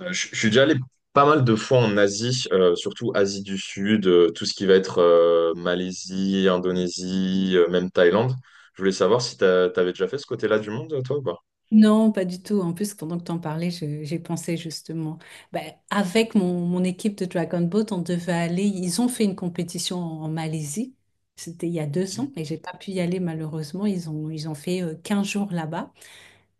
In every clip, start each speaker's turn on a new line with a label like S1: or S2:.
S1: Je suis déjà allé pas mal de fois en Asie, surtout Asie du Sud, tout ce qui va être Malaisie, Indonésie, même Thaïlande. Je voulais savoir si t'avais déjà fait ce côté-là du monde, toi, ou pas?
S2: Non, pas du tout. En plus, pendant que tu en parlais, j'ai pensé justement. Ben, avec mon équipe de Dragon Boat, on devait aller. Ils ont fait une compétition en Malaisie. C'était il y a deux
S1: C'était
S2: ans et j'ai pas pu y aller malheureusement. Ils ont fait 15 jours là-bas.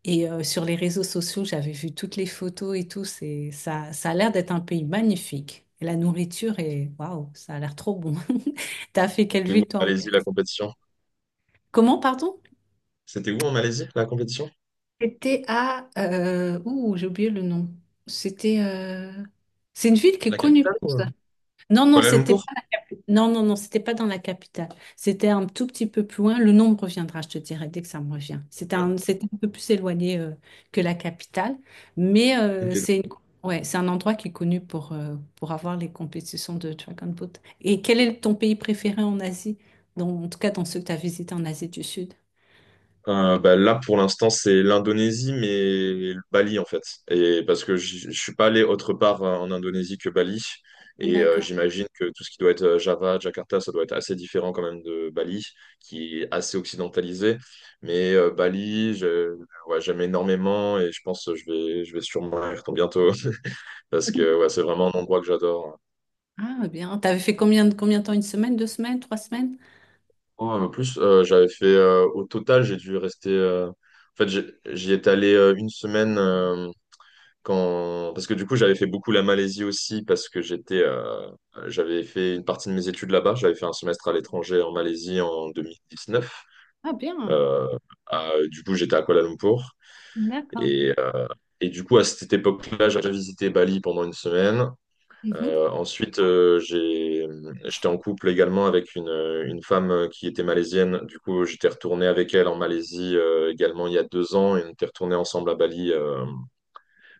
S2: Et sur les réseaux sociaux, j'avais vu toutes les photos et tout. Ça a l'air d'être un pays magnifique. Et la nourriture est, waouh, ça a l'air trop bon. T'as fait quelle
S1: où en
S2: ville toi en
S1: Malaisie la
S2: Malaisie?
S1: compétition?
S2: Comment, pardon?
S1: C'était où en Malaisie la compétition?
S2: C'était à... ouh, j'ai oublié le nom. C'était... c'est une ville qui
S1: La
S2: est connue.
S1: capitale ou
S2: Non, non,
S1: Kuala
S2: c'était
S1: Lumpur?
S2: pas... Non, non, non, c'était pas dans la capitale. C'était un tout petit peu plus loin. Le nom me reviendra, je te dirai, dès que ça me revient.
S1: Ok.
S2: C'était un peu plus éloigné que la capitale. Mais
S1: Ok.
S2: ouais, c'est un endroit qui est connu pour avoir les compétitions de Dragon Boat. Et quel est ton pays préféré en Asie? En tout cas, dans ceux que tu as visités en Asie du Sud.
S1: Bah, là, pour l'instant, c'est l'Indonésie, mais Bali, en fait. Et parce que je suis pas allé autre part en Indonésie que Bali. Et
S2: D'accord.
S1: j'imagine que tout ce qui doit être Java, Jakarta, ça doit être assez différent quand même de Bali, qui est assez occidentalisé. Mais Bali, ouais, j'aime énormément et je pense que je vais sûrement y retourner bientôt. Parce que ouais, c'est vraiment un endroit que j'adore.
S2: Ah, bien. T'avais fait combien de temps? Une semaine, deux semaines, trois semaines?
S1: Oh, en plus, j'avais fait, au total, j'ai dû rester. En fait, j'y étais allé une semaine. Parce que du coup, j'avais fait beaucoup la Malaisie aussi, parce que j'avais fait une partie de mes études là-bas. J'avais fait un semestre à l'étranger en Malaisie en 2019.
S2: Ah, bien.
S1: Euh, du coup, j'étais à Kuala Lumpur.
S2: D'accord.
S1: Et, euh, et du coup, à cette époque-là, j'avais visité Bali pendant une semaine.
S2: Mhm.
S1: Ensuite, j'étais en couple également avec une femme qui était malaisienne. Du coup, j'étais retourné avec elle en Malaisie également il y a 2 ans et on était retourné ensemble à Bali. euh,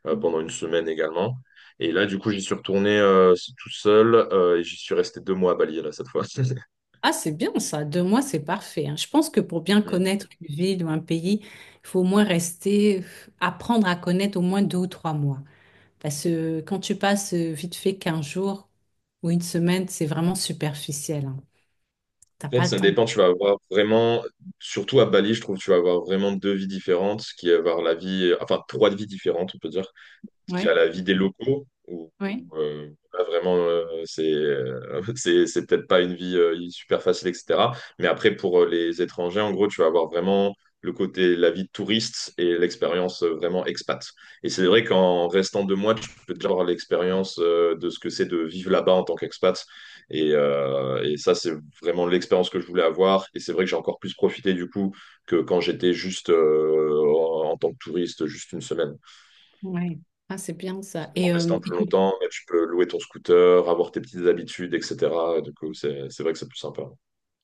S1: euh,
S2: Bien.
S1: pendant une semaine également. Et là, du coup, j'y suis retourné tout seul et j'y suis resté 2 mois à Bali, là, cette fois.
S2: Ah, c'est bien ça. Deux mois, c'est parfait, hein. Je pense que pour bien
S1: Mm.
S2: connaître une ville ou un pays, il faut au moins rester, apprendre à connaître au moins deux ou trois mois. Parce que quand tu passes vite fait 15 jours ou une semaine, c'est vraiment superficiel, hein.
S1: En
S2: T'as
S1: fait,
S2: pas le
S1: ça
S2: temps.
S1: dépend, tu vas avoir vraiment, surtout à Bali, je trouve, tu vas avoir vraiment deux vies différentes, qui est avoir la vie, enfin, trois vies différentes, on peut dire. Qui a
S2: Ouais,
S1: la vie des locaux, où
S2: ouais,
S1: pas vraiment, c'est c'est peut-être pas une vie super facile, etc. Mais après, pour les étrangers, en gros, tu vas avoir vraiment le côté, la vie de touriste et l'expérience vraiment expat. Et c'est vrai qu'en restant 2 mois, tu peux déjà avoir l'expérience de ce que c'est de vivre là-bas en tant qu'expat. Et ça, c'est vraiment l'expérience que je voulais avoir. Et c'est vrai que j'ai encore plus profité du coup que quand j'étais juste en tant que touriste, juste une semaine
S2: ouais. Ah, c'est bien ça.
S1: en
S2: Et
S1: restant plus longtemps, mais tu peux louer ton scooter, avoir tes petites habitudes, etc. Du coup, c'est vrai que c'est plus sympa.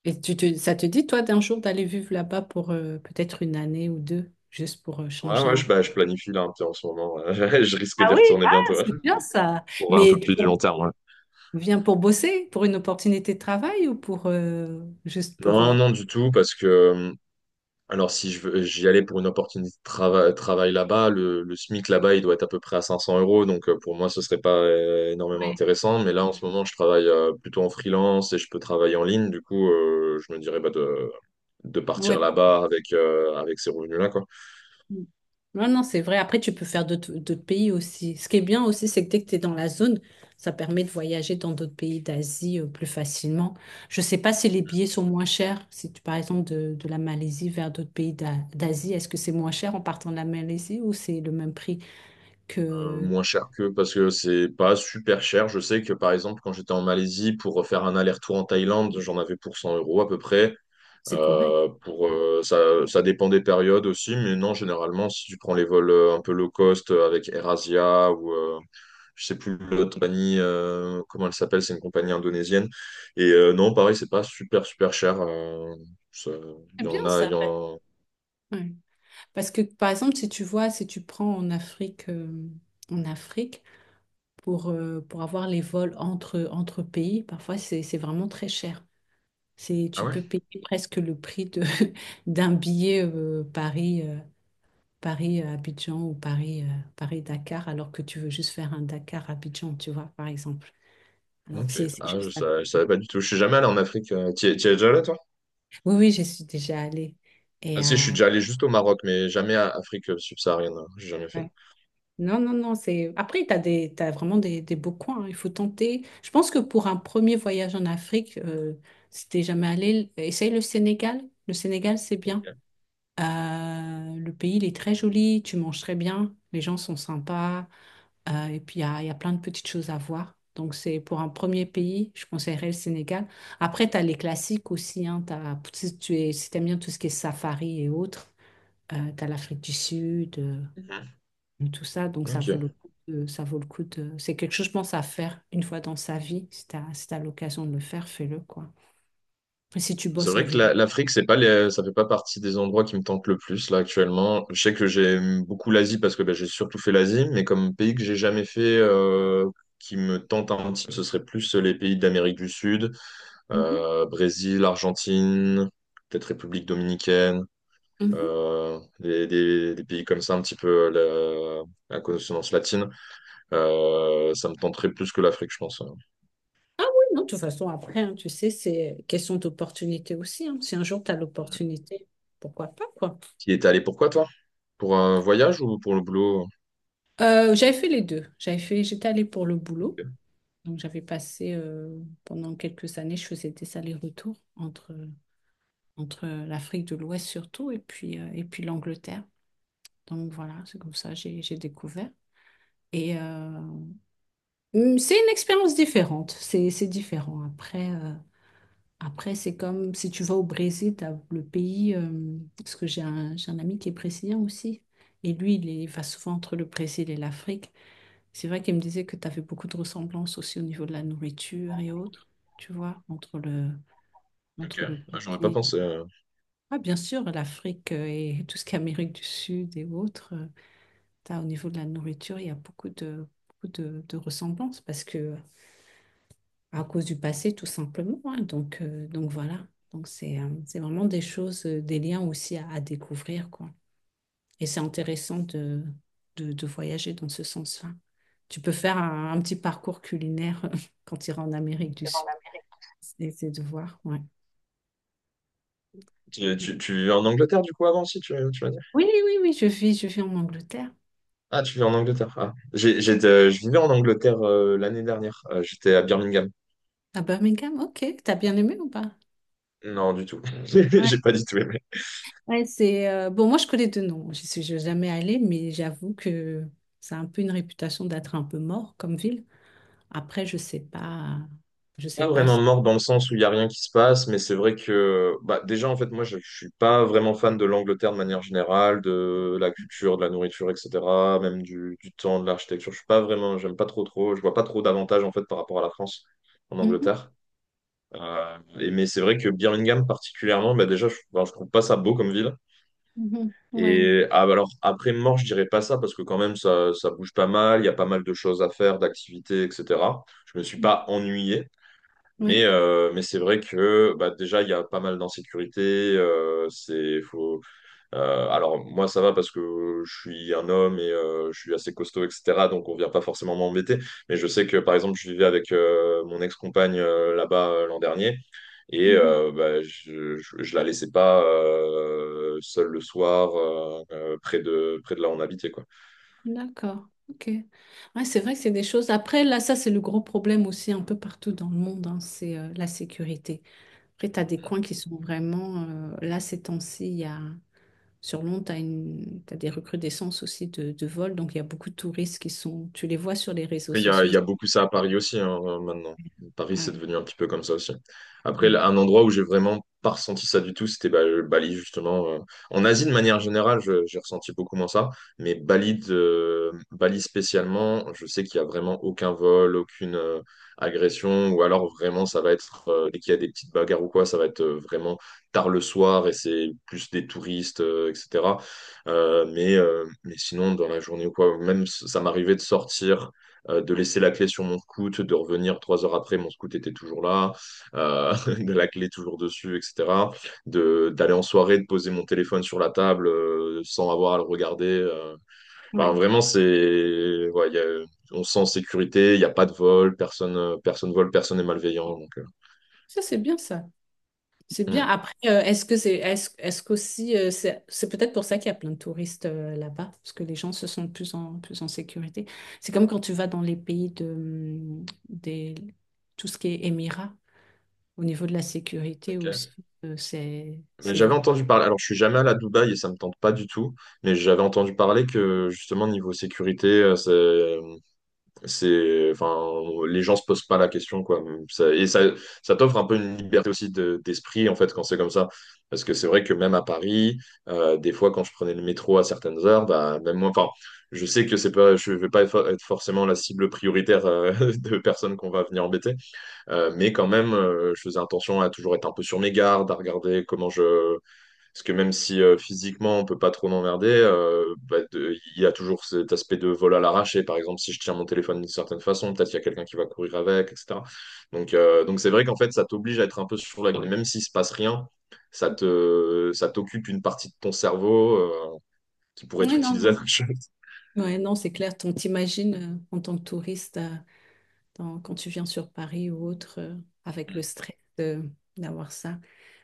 S2: et tu te, ça te dit, toi, d'un jour d'aller vivre là-bas pour peut-être une année ou deux, juste pour
S1: Ouais,
S2: changer
S1: ouais,
S2: un peu?
S1: bah, je planifie là un petit en ce moment. Ouais. Je risque
S2: Ah
S1: d'y
S2: oui,
S1: retourner
S2: ah,
S1: bientôt. Ouais.
S2: c'est bien ça.
S1: Pour un peu
S2: Mais tu
S1: plus du long terme, ouais.
S2: viens pour bosser, pour une opportunité de travail ou pour juste pour...
S1: Non, non, du tout, parce que, alors si je veux- j'y allais pour une opportunité de travail là-bas, le SMIC là-bas, il doit être à peu près à 500 euros, donc pour moi, ce serait pas énormément
S2: ouais.
S1: intéressant. Mais là, en ce moment, je travaille plutôt en freelance et je peux travailler en ligne, du coup, je me dirais bah, de partir
S2: Ouais, pour...
S1: là-bas avec ces revenus-là, quoi.
S2: Mm. Non, non, c'est vrai. Après, tu peux faire d'autres pays aussi. Ce qui est bien aussi, c'est que dès que tu es dans la zone, ça permet de voyager dans d'autres pays d'Asie plus facilement. Je sais pas si les billets sont moins chers. Si tu, par exemple, de la Malaisie vers d'autres pays d'Asie, est-ce que c'est moins cher en partant de la Malaisie ou c'est le même prix que
S1: Moins cher que parce que c'est pas super cher. Je sais que par exemple, quand j'étais en Malaisie pour faire un aller-retour en Thaïlande, j'en avais pour 100 € à peu près.
S2: c'est correct?
S1: Euh, pour, euh, ça, ça dépend des périodes aussi, mais non, généralement, si tu prends les vols un peu low cost avec Erasia ou je sais plus l'autre compagnie, comment elle s'appelle, c'est une compagnie indonésienne. Et non, pareil, c'est pas super, super cher. Ça- Il
S2: C'est
S1: y
S2: bien
S1: en a, il
S2: ça,
S1: y
S2: ouais.
S1: en...
S2: Ouais. Parce que, par exemple, si tu vois, si tu prends en Afrique pour avoir les vols entre pays, parfois, c'est vraiment très cher. C'est,
S1: Ah
S2: tu
S1: ouais?
S2: peux payer presque le prix de, d'un billet Paris, Paris-Abidjan ou Paris, Paris-Dakar, alors que tu veux juste faire un Dakar-Abidjan, tu vois, par exemple. Alors que
S1: Ok.
S2: c'est
S1: Ah,
S2: juste à
S1: je savais
S2: côté.
S1: pas du tout. Je suis jamais allé en Afrique. T'y es déjà allé, toi?
S2: Oui, oui, j'y suis déjà allée.
S1: Ah,
S2: Et,
S1: si, je suis déjà allé juste au Maroc, mais jamais à Afrique subsaharienne. Hein. J'ai jamais fait.
S2: ouais. Non, non, non, c'est... Après, tu as des, t'as vraiment des beaux coins, hein, il faut tenter. Je pense que pour un premier voyage en Afrique, si t'es jamais allé, essaye le Sénégal. Le Sénégal, c'est bien.
S1: Ok.
S2: Le pays, il est très joli, tu manges très bien, les gens sont sympas, et puis il y a plein de petites choses à voir. Donc c'est pour un premier pays, je conseillerais le Sénégal. Après, tu as les classiques aussi, hein, si tu es, si t'aimes bien tout ce qui est safari et autres, tu as l'Afrique du Sud,
S1: Mhm.
S2: tout ça, donc
S1: Ok.
S2: ça vaut le coup de... C'est quelque chose, je pense, à faire une fois dans sa vie. Si tu as, l'occasion de le faire, fais-le, quoi. Et si tu
S1: C'est
S2: bosses en
S1: vrai que
S2: remote.
S1: l'Afrique, c'est pas les... ça fait pas partie des endroits qui me tentent le plus là actuellement. Je sais que j'aime beaucoup l'Asie parce que bah, j'ai surtout fait l'Asie, mais comme pays que j'ai jamais fait qui me tente un petit peu, ce serait plus les pays d'Amérique du Sud, Brésil, Argentine, peut-être République dominicaine,
S2: Mhm.
S1: des pays comme ça un petit peu à consonance latine. Ça me tenterait plus que l'Afrique, je pense. Hein.
S2: Ah oui, non, de toute façon, après, hein, tu sais, c'est question d'opportunité aussi, hein. Si un jour tu as l'opportunité, pourquoi pas, quoi.
S1: Tu y étais allé pourquoi, toi? Pour un voyage ou pour le boulot?
S2: J'avais fait les deux. J'avais fait, j'étais allée pour le boulot.
S1: Ok.
S2: Donc, j'avais passé pendant quelques années, je faisais des allers-retours entre l'Afrique de l'Ouest surtout et puis l'Angleterre. Donc, voilà, c'est comme ça, j'ai découvert. Et c'est une expérience différente. C'est différent. Après, après, c'est comme si tu vas au Brésil, t'as le pays, parce que j'ai un ami qui est brésilien aussi, et lui, il va souvent entre le Brésil et l'Afrique. C'est vrai qu'il me disait que tu avais beaucoup de ressemblances aussi au niveau de la nourriture et autres, tu vois,
S1: Ok.
S2: entre le
S1: Ah, j'aurais pas
S2: Brésil.
S1: pensé.
S2: Ah, bien sûr, l'Afrique et tout ce qui est Amérique du Sud et autres, t'as, au niveau de la nourriture, il y a beaucoup de ressemblances, parce que à cause du passé, tout simplement, hein. Donc voilà. Donc c'est vraiment des choses, des liens aussi à découvrir, quoi. Et c'est intéressant de voyager dans ce sens-là. Tu peux faire un petit parcours culinaire quand tu iras en Amérique du Sud. C'est de voir, ouais.
S1: Tu vivais en Angleterre, du coup, avant, si tu vas dire.
S2: Oui, oui, oui, oui, je vis en Angleterre.
S1: Ah, tu vivais en Angleterre. Ah. Je vivais en Angleterre l'année dernière. J'étais à Birmingham.
S2: À Birmingham, ok. T'as bien aimé ou pas?
S1: Non, du tout.
S2: Ouais,
S1: J'ai pas du tout.
S2: ouais, c'est bon. Moi, je connais deux noms. Je suis jamais allée, mais j'avoue que ça a un peu une réputation d'être un peu mort comme ville. Après, je sais pas, je sais
S1: Pas
S2: pas si-
S1: vraiment mort dans le sens où il n'y a rien qui se passe, mais c'est vrai que bah, déjà, en fait, moi, je ne suis pas vraiment fan de l'Angleterre de manière générale, de la culture, de la nourriture, etc., même du temps, de l'architecture. Je suis pas vraiment, J'aime pas trop trop, je vois pas trop d'avantages, en fait, par rapport à la France en
S2: mhm,
S1: Angleterre. Mais c'est vrai que Birmingham, particulièrement, bah, déjà, enfin, je trouve pas ça beau comme ville.
S2: mhm, ouais,
S1: Et ah, bah, alors, après mort, je dirais pas ça, parce que quand même, ça bouge pas mal, il y a pas mal de choses à faire, d'activités, etc. Je me suis
S2: mm,
S1: pas ennuyé. Mais,
S2: ouais,
S1: euh, mais c'est vrai que bah, déjà, il y a pas mal d'insécurité. euh, c'est, faut, alors, moi, ça va parce que je suis un homme et je suis assez costaud, etc. Donc, on vient pas forcément m'embêter. Mais je sais que, par exemple, je vivais avec mon ex-compagne là-bas l'an dernier. Et
S2: mhm,
S1: euh, bah, je la laissais pas seule le soir, près de là où on habitait, quoi.
S2: d'accord, ok. Ouais, c'est vrai que c'est des choses. Après, là, ça, c'est le gros problème aussi un peu partout dans le monde, hein, c'est la sécurité. Après, tu as des coins qui sont vraiment. Euh, là, ces temps-ci, il y a. Sur Londres, tu as une... t'as des recrudescences aussi de vols, donc il y a beaucoup de touristes qui sont. Tu les vois sur les réseaux
S1: Après, il y a,
S2: sociaux.
S1: il y a beaucoup ça à Paris aussi, hein, maintenant. Paris, c'est
S2: Ouais,
S1: devenu un petit peu comme ça aussi. Après,
S2: ouais,
S1: là, un endroit où j'ai vraiment pas ressenti ça du tout, c'était bah, Bali, justement. En Asie, de manière générale, j'ai ressenti beaucoup moins ça. Bali spécialement, je sais qu'il y a vraiment aucun vol, aucune agression. Ou alors, vraiment, dès qu'il y a des petites bagarres ou quoi, ça va être vraiment tard le soir et c'est plus des touristes, etc. Mais sinon, dans la journée ou quoi, même ça m'arrivait de sortir de laisser la clé sur mon scout, de revenir 3 heures après, mon scout était toujours là, euh, de la clé toujours dessus, etc. D'aller en soirée, de poser mon téléphone sur la table sans avoir à le regarder. Enfin,
S2: ouais.
S1: vraiment, ouais, on se sent en sécurité, il n'y a pas de vol, personne vole, personne n'est malveillant.
S2: Ça, c'est bien ça. C'est bien.
S1: Hmm,
S2: Après, est-ce qu'aussi, c'est peut-être pour ça qu'il y a plein de touristes là-bas, parce que les gens se sentent plus en sécurité. C'est comme quand tu vas dans les pays de, des, tout ce qui est Émirats, au niveau de la sécurité
S1: ok.
S2: aussi,
S1: Mais
S2: c'est
S1: j'avais
S2: vrai.
S1: entendu parler, alors je suis jamais allé à Dubaï et ça me tente pas du tout, mais j'avais entendu parler que justement niveau sécurité, C'est, enfin, les gens se posent pas la question, quoi. Ça- et ça, Ça t'offre un peu une liberté aussi d'esprit, en fait, quand c'est comme ça. Parce que c'est vrai que même à Paris, des fois, quand je prenais le métro à certaines heures, bah, même moi, enfin, je sais que c'est pas, je vais pas être forcément la cible prioritaire, de personnes qu'on va venir embêter. Mais quand même, je faisais attention à toujours être un peu sur mes gardes, à regarder parce que même si physiquement on peut pas trop m'emmerder, bah, il y a toujours cet aspect de vol à l'arraché. Par exemple, si je tiens mon téléphone d'une certaine façon, peut-être qu'il y a quelqu'un qui va courir avec, etc. Donc c'est vrai qu'en fait, ça t'oblige à être un peu sur la garde. Et même s'il se passe rien, ça t'occupe une partie de ton cerveau qui pourrait être
S2: Oui, non,
S1: utilisée à
S2: non.
S1: autre chose.
S2: Ouais, non, c'est clair. On t'imagine en tant que touriste, dans- quand tu viens sur Paris ou autre, avec
S1: Mm.
S2: d'avoir ça.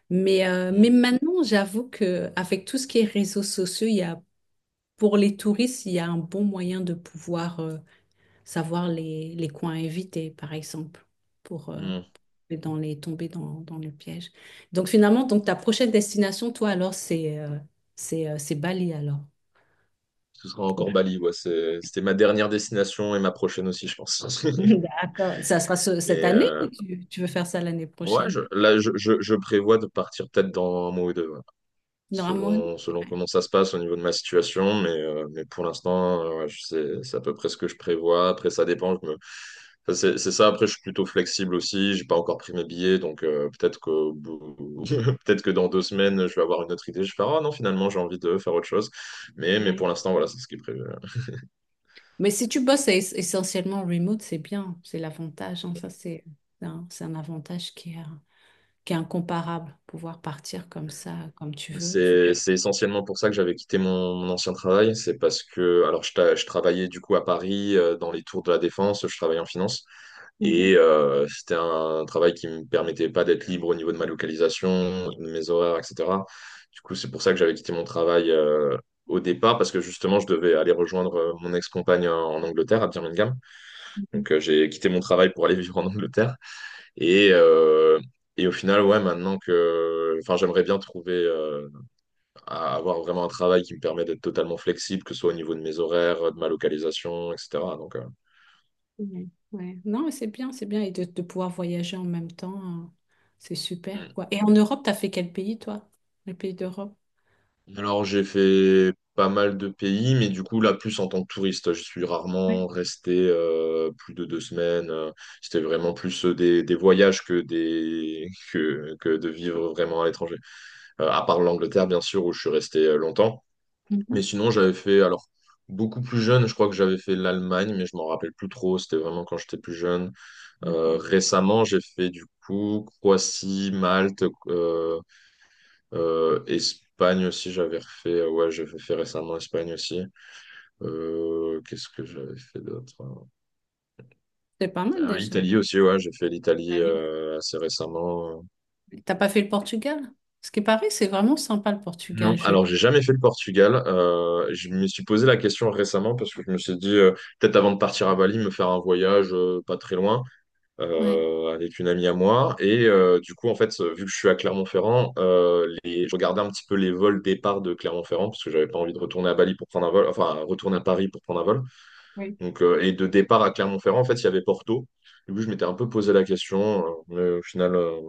S2: Mais
S1: Mm.
S2: maintenant, j'avoue que avec tout ce qui est réseaux sociaux, il y a pour les touristes, il y a un bon moyen de pouvoir savoir les coins à éviter, par exemple, pour
S1: Mm.
S2: tomber dans, dans le piège. Donc finalement, donc ta prochaine destination, toi, alors, c'est Bali, alors.
S1: Ce sera encore
S2: Proche.
S1: Bali, ouais. C'était ma dernière destination et ma prochaine aussi, je pense.
S2: D'accord. Ça sera
S1: Mais
S2: cette année
S1: euh,
S2: ou tu veux faire ça l'année
S1: ouais,
S2: prochaine?
S1: là, je prévois de partir peut-être dans un mois ou deux. Ouais.
S2: Normalement,
S1: Selon
S2: ouais.
S1: comment ça se passe au niveau de ma situation. Mais pour l'instant, ouais, c'est à peu près ce que je prévois. Après, ça dépend. Enfin, c'est ça. Après, je suis plutôt flexible aussi. J'ai pas encore pris mes billets. Donc, peut-être que, peut-être que dans deux semaines, je vais avoir une autre idée. Je vais faire, ah non, finalement, j'ai envie de faire autre chose. Mais
S2: Ouais.
S1: pour l'instant, voilà, c'est ce qui est prévu.
S2: Mais si tu bosses essentiellement remote, c'est bien, c'est l'avantage, hein. Ça, c'est un avantage qui est incomparable, pouvoir partir comme ça, comme tu veux. Il faut
S1: C'est,
S2: juste...
S1: c'est essentiellement pour ça que j'avais quitté mon ancien travail. C'est parce que, alors, je travaillais du coup à Paris, dans les tours de la Défense. Je travaillais en finance.
S2: Mhm,
S1: Et c'était un travail qui me permettait pas d'être libre au niveau de ma localisation, de mes horaires, etc. Du coup, c'est pour ça que j'avais quitté mon travail au départ, parce que justement, je devais aller rejoindre mon ex-compagne en Angleterre, à Birmingham.
S2: mhm,
S1: Donc, j'ai quitté mon travail pour aller vivre en Angleterre. Et, euh, et au final, ouais, maintenant que... Enfin, j'aimerais bien trouver, avoir vraiment un travail qui me permet d'être totalement flexible, que ce soit au niveau de mes horaires, de ma localisation, etc. Donc,
S2: ouais, ouais. Non, mais c'est bien, c'est bien. Et de pouvoir voyager en même temps, hein, c'est
S1: euh,
S2: super, quoi. Et en Europe, t'as fait quel pays, toi? Les pays d'Europe?
S1: alors, j'ai fait pas mal de pays, mais du coup, là, plus en tant que touriste. Je suis
S2: Ouais.
S1: rarement resté plus de deux semaines. C'était vraiment plus des voyages que, des, que de vivre vraiment à l'étranger. À part l'Angleterre, bien sûr, où je suis resté longtemps. Mais
S2: Mhm.
S1: sinon, j'avais fait, alors, beaucoup plus jeune, je crois que j'avais fait l'Allemagne, mais je m'en rappelle plus trop. C'était vraiment quand j'étais plus jeune. Récemment, j'ai fait, du coup, Croatie, Malte, Espagne aussi, j'avais refait. Ouais, j'avais fait récemment Espagne aussi. Qu'est-ce que j'avais fait d'autre?
S2: C'est pas mal
S1: Ah,
S2: déjà.
S1: Italie aussi, ouais, j'ai fait l'Italie
S2: Allez.
S1: assez récemment.
S2: T'as pas fait le Portugal? Ce qui paraît, c'est vraiment sympa le
S1: Non,
S2: Portugal, je...
S1: alors j'ai jamais fait le Portugal. Je me suis posé la question récemment parce que je me suis dit, peut-être avant de partir à Bali, me faire un voyage pas très loin.
S2: Ouais,
S1: Avec une amie à moi. Et du coup, en fait, vu que je suis à Clermont-Ferrand, je regardais un petit peu les vols départ de Clermont-Ferrand, parce que j'avais pas envie de retourner à Bali pour prendre un vol, enfin, retourner à Paris pour prendre un vol.
S2: ouais.
S1: Donc, et de départ à Clermont-Ferrand, en fait, il y avait Porto. Du coup, je m'étais un peu posé la question, mais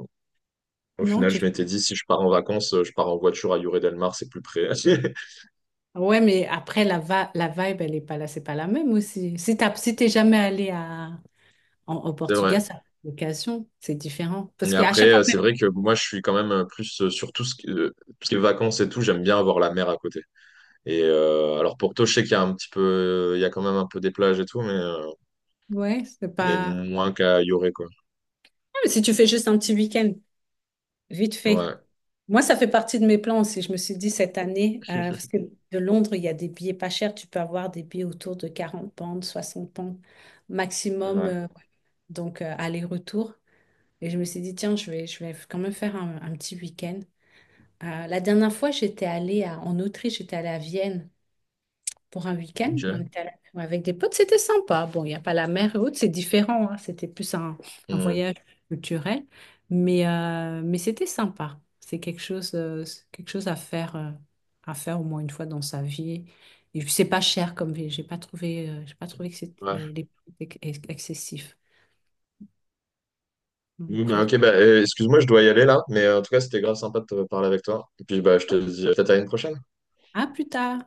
S1: au
S2: Non,
S1: final,
S2: tu...
S1: je m'étais dit, si je pars en vacances, je pars en voiture à Lloret Delmar, c'est plus près.
S2: Ouais, mais après, la vibe, elle est pas là, c'est pas la même aussi. Si t'as... si t'es jamais allé à... au
S1: C'est vrai.
S2: Portugal, ça fait location, c'est différent. Parce
S1: Et
S2: qu'à
S1: après,
S2: chaque fois,
S1: c'est vrai que moi, je suis quand même plus sur tout ce qui est vacances et tout, j'aime bien avoir la mer à côté. Et alors Porto, je sais qu'il y a un petit peu, il y a quand même un peu des plages et tout,
S2: ouais, c'est
S1: mais
S2: pas.
S1: moins qu'à Yoré, quoi.
S2: Ah, mais si tu fais juste un petit week-end, vite fait.
S1: Ouais.
S2: Moi, ça fait partie de mes plans aussi. Je me suis dit cette année, parce que de Londres, il y a des billets pas chers. Tu peux avoir des billets autour de 40 pounds, 60 pounds maximum.
S1: Ouais.
S2: Euh, donc, aller-retour. Et je me suis dit, tiens, je vais quand même faire un petit week-end. La dernière fois, en Autriche, j'étais allée à Vienne pour un week-end.
S1: Ok.
S2: Ouais, avec des potes, c'était sympa. Bon, il n'y a pas la mer et autres, c'est différent, hein. C'était plus un
S1: Hmm.
S2: voyage culturel, mais c'était sympa. C'est quelque chose à faire au moins une fois dans sa vie. Et puis, c'est pas cher comme ville. J'ai pas trouvé que
S1: Ouais.
S2: c'était les prix étaient excessif.
S1: Oui, bah,
S2: Après-
S1: ok, bah, excuse-moi, je dois y aller là, mais en tout cas, c'était grave sympa de te parler avec toi. Et puis, bah, je te dis peut-être à une prochaine.
S2: à plus tard.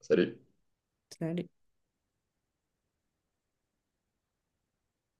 S1: Salut.
S2: Salut.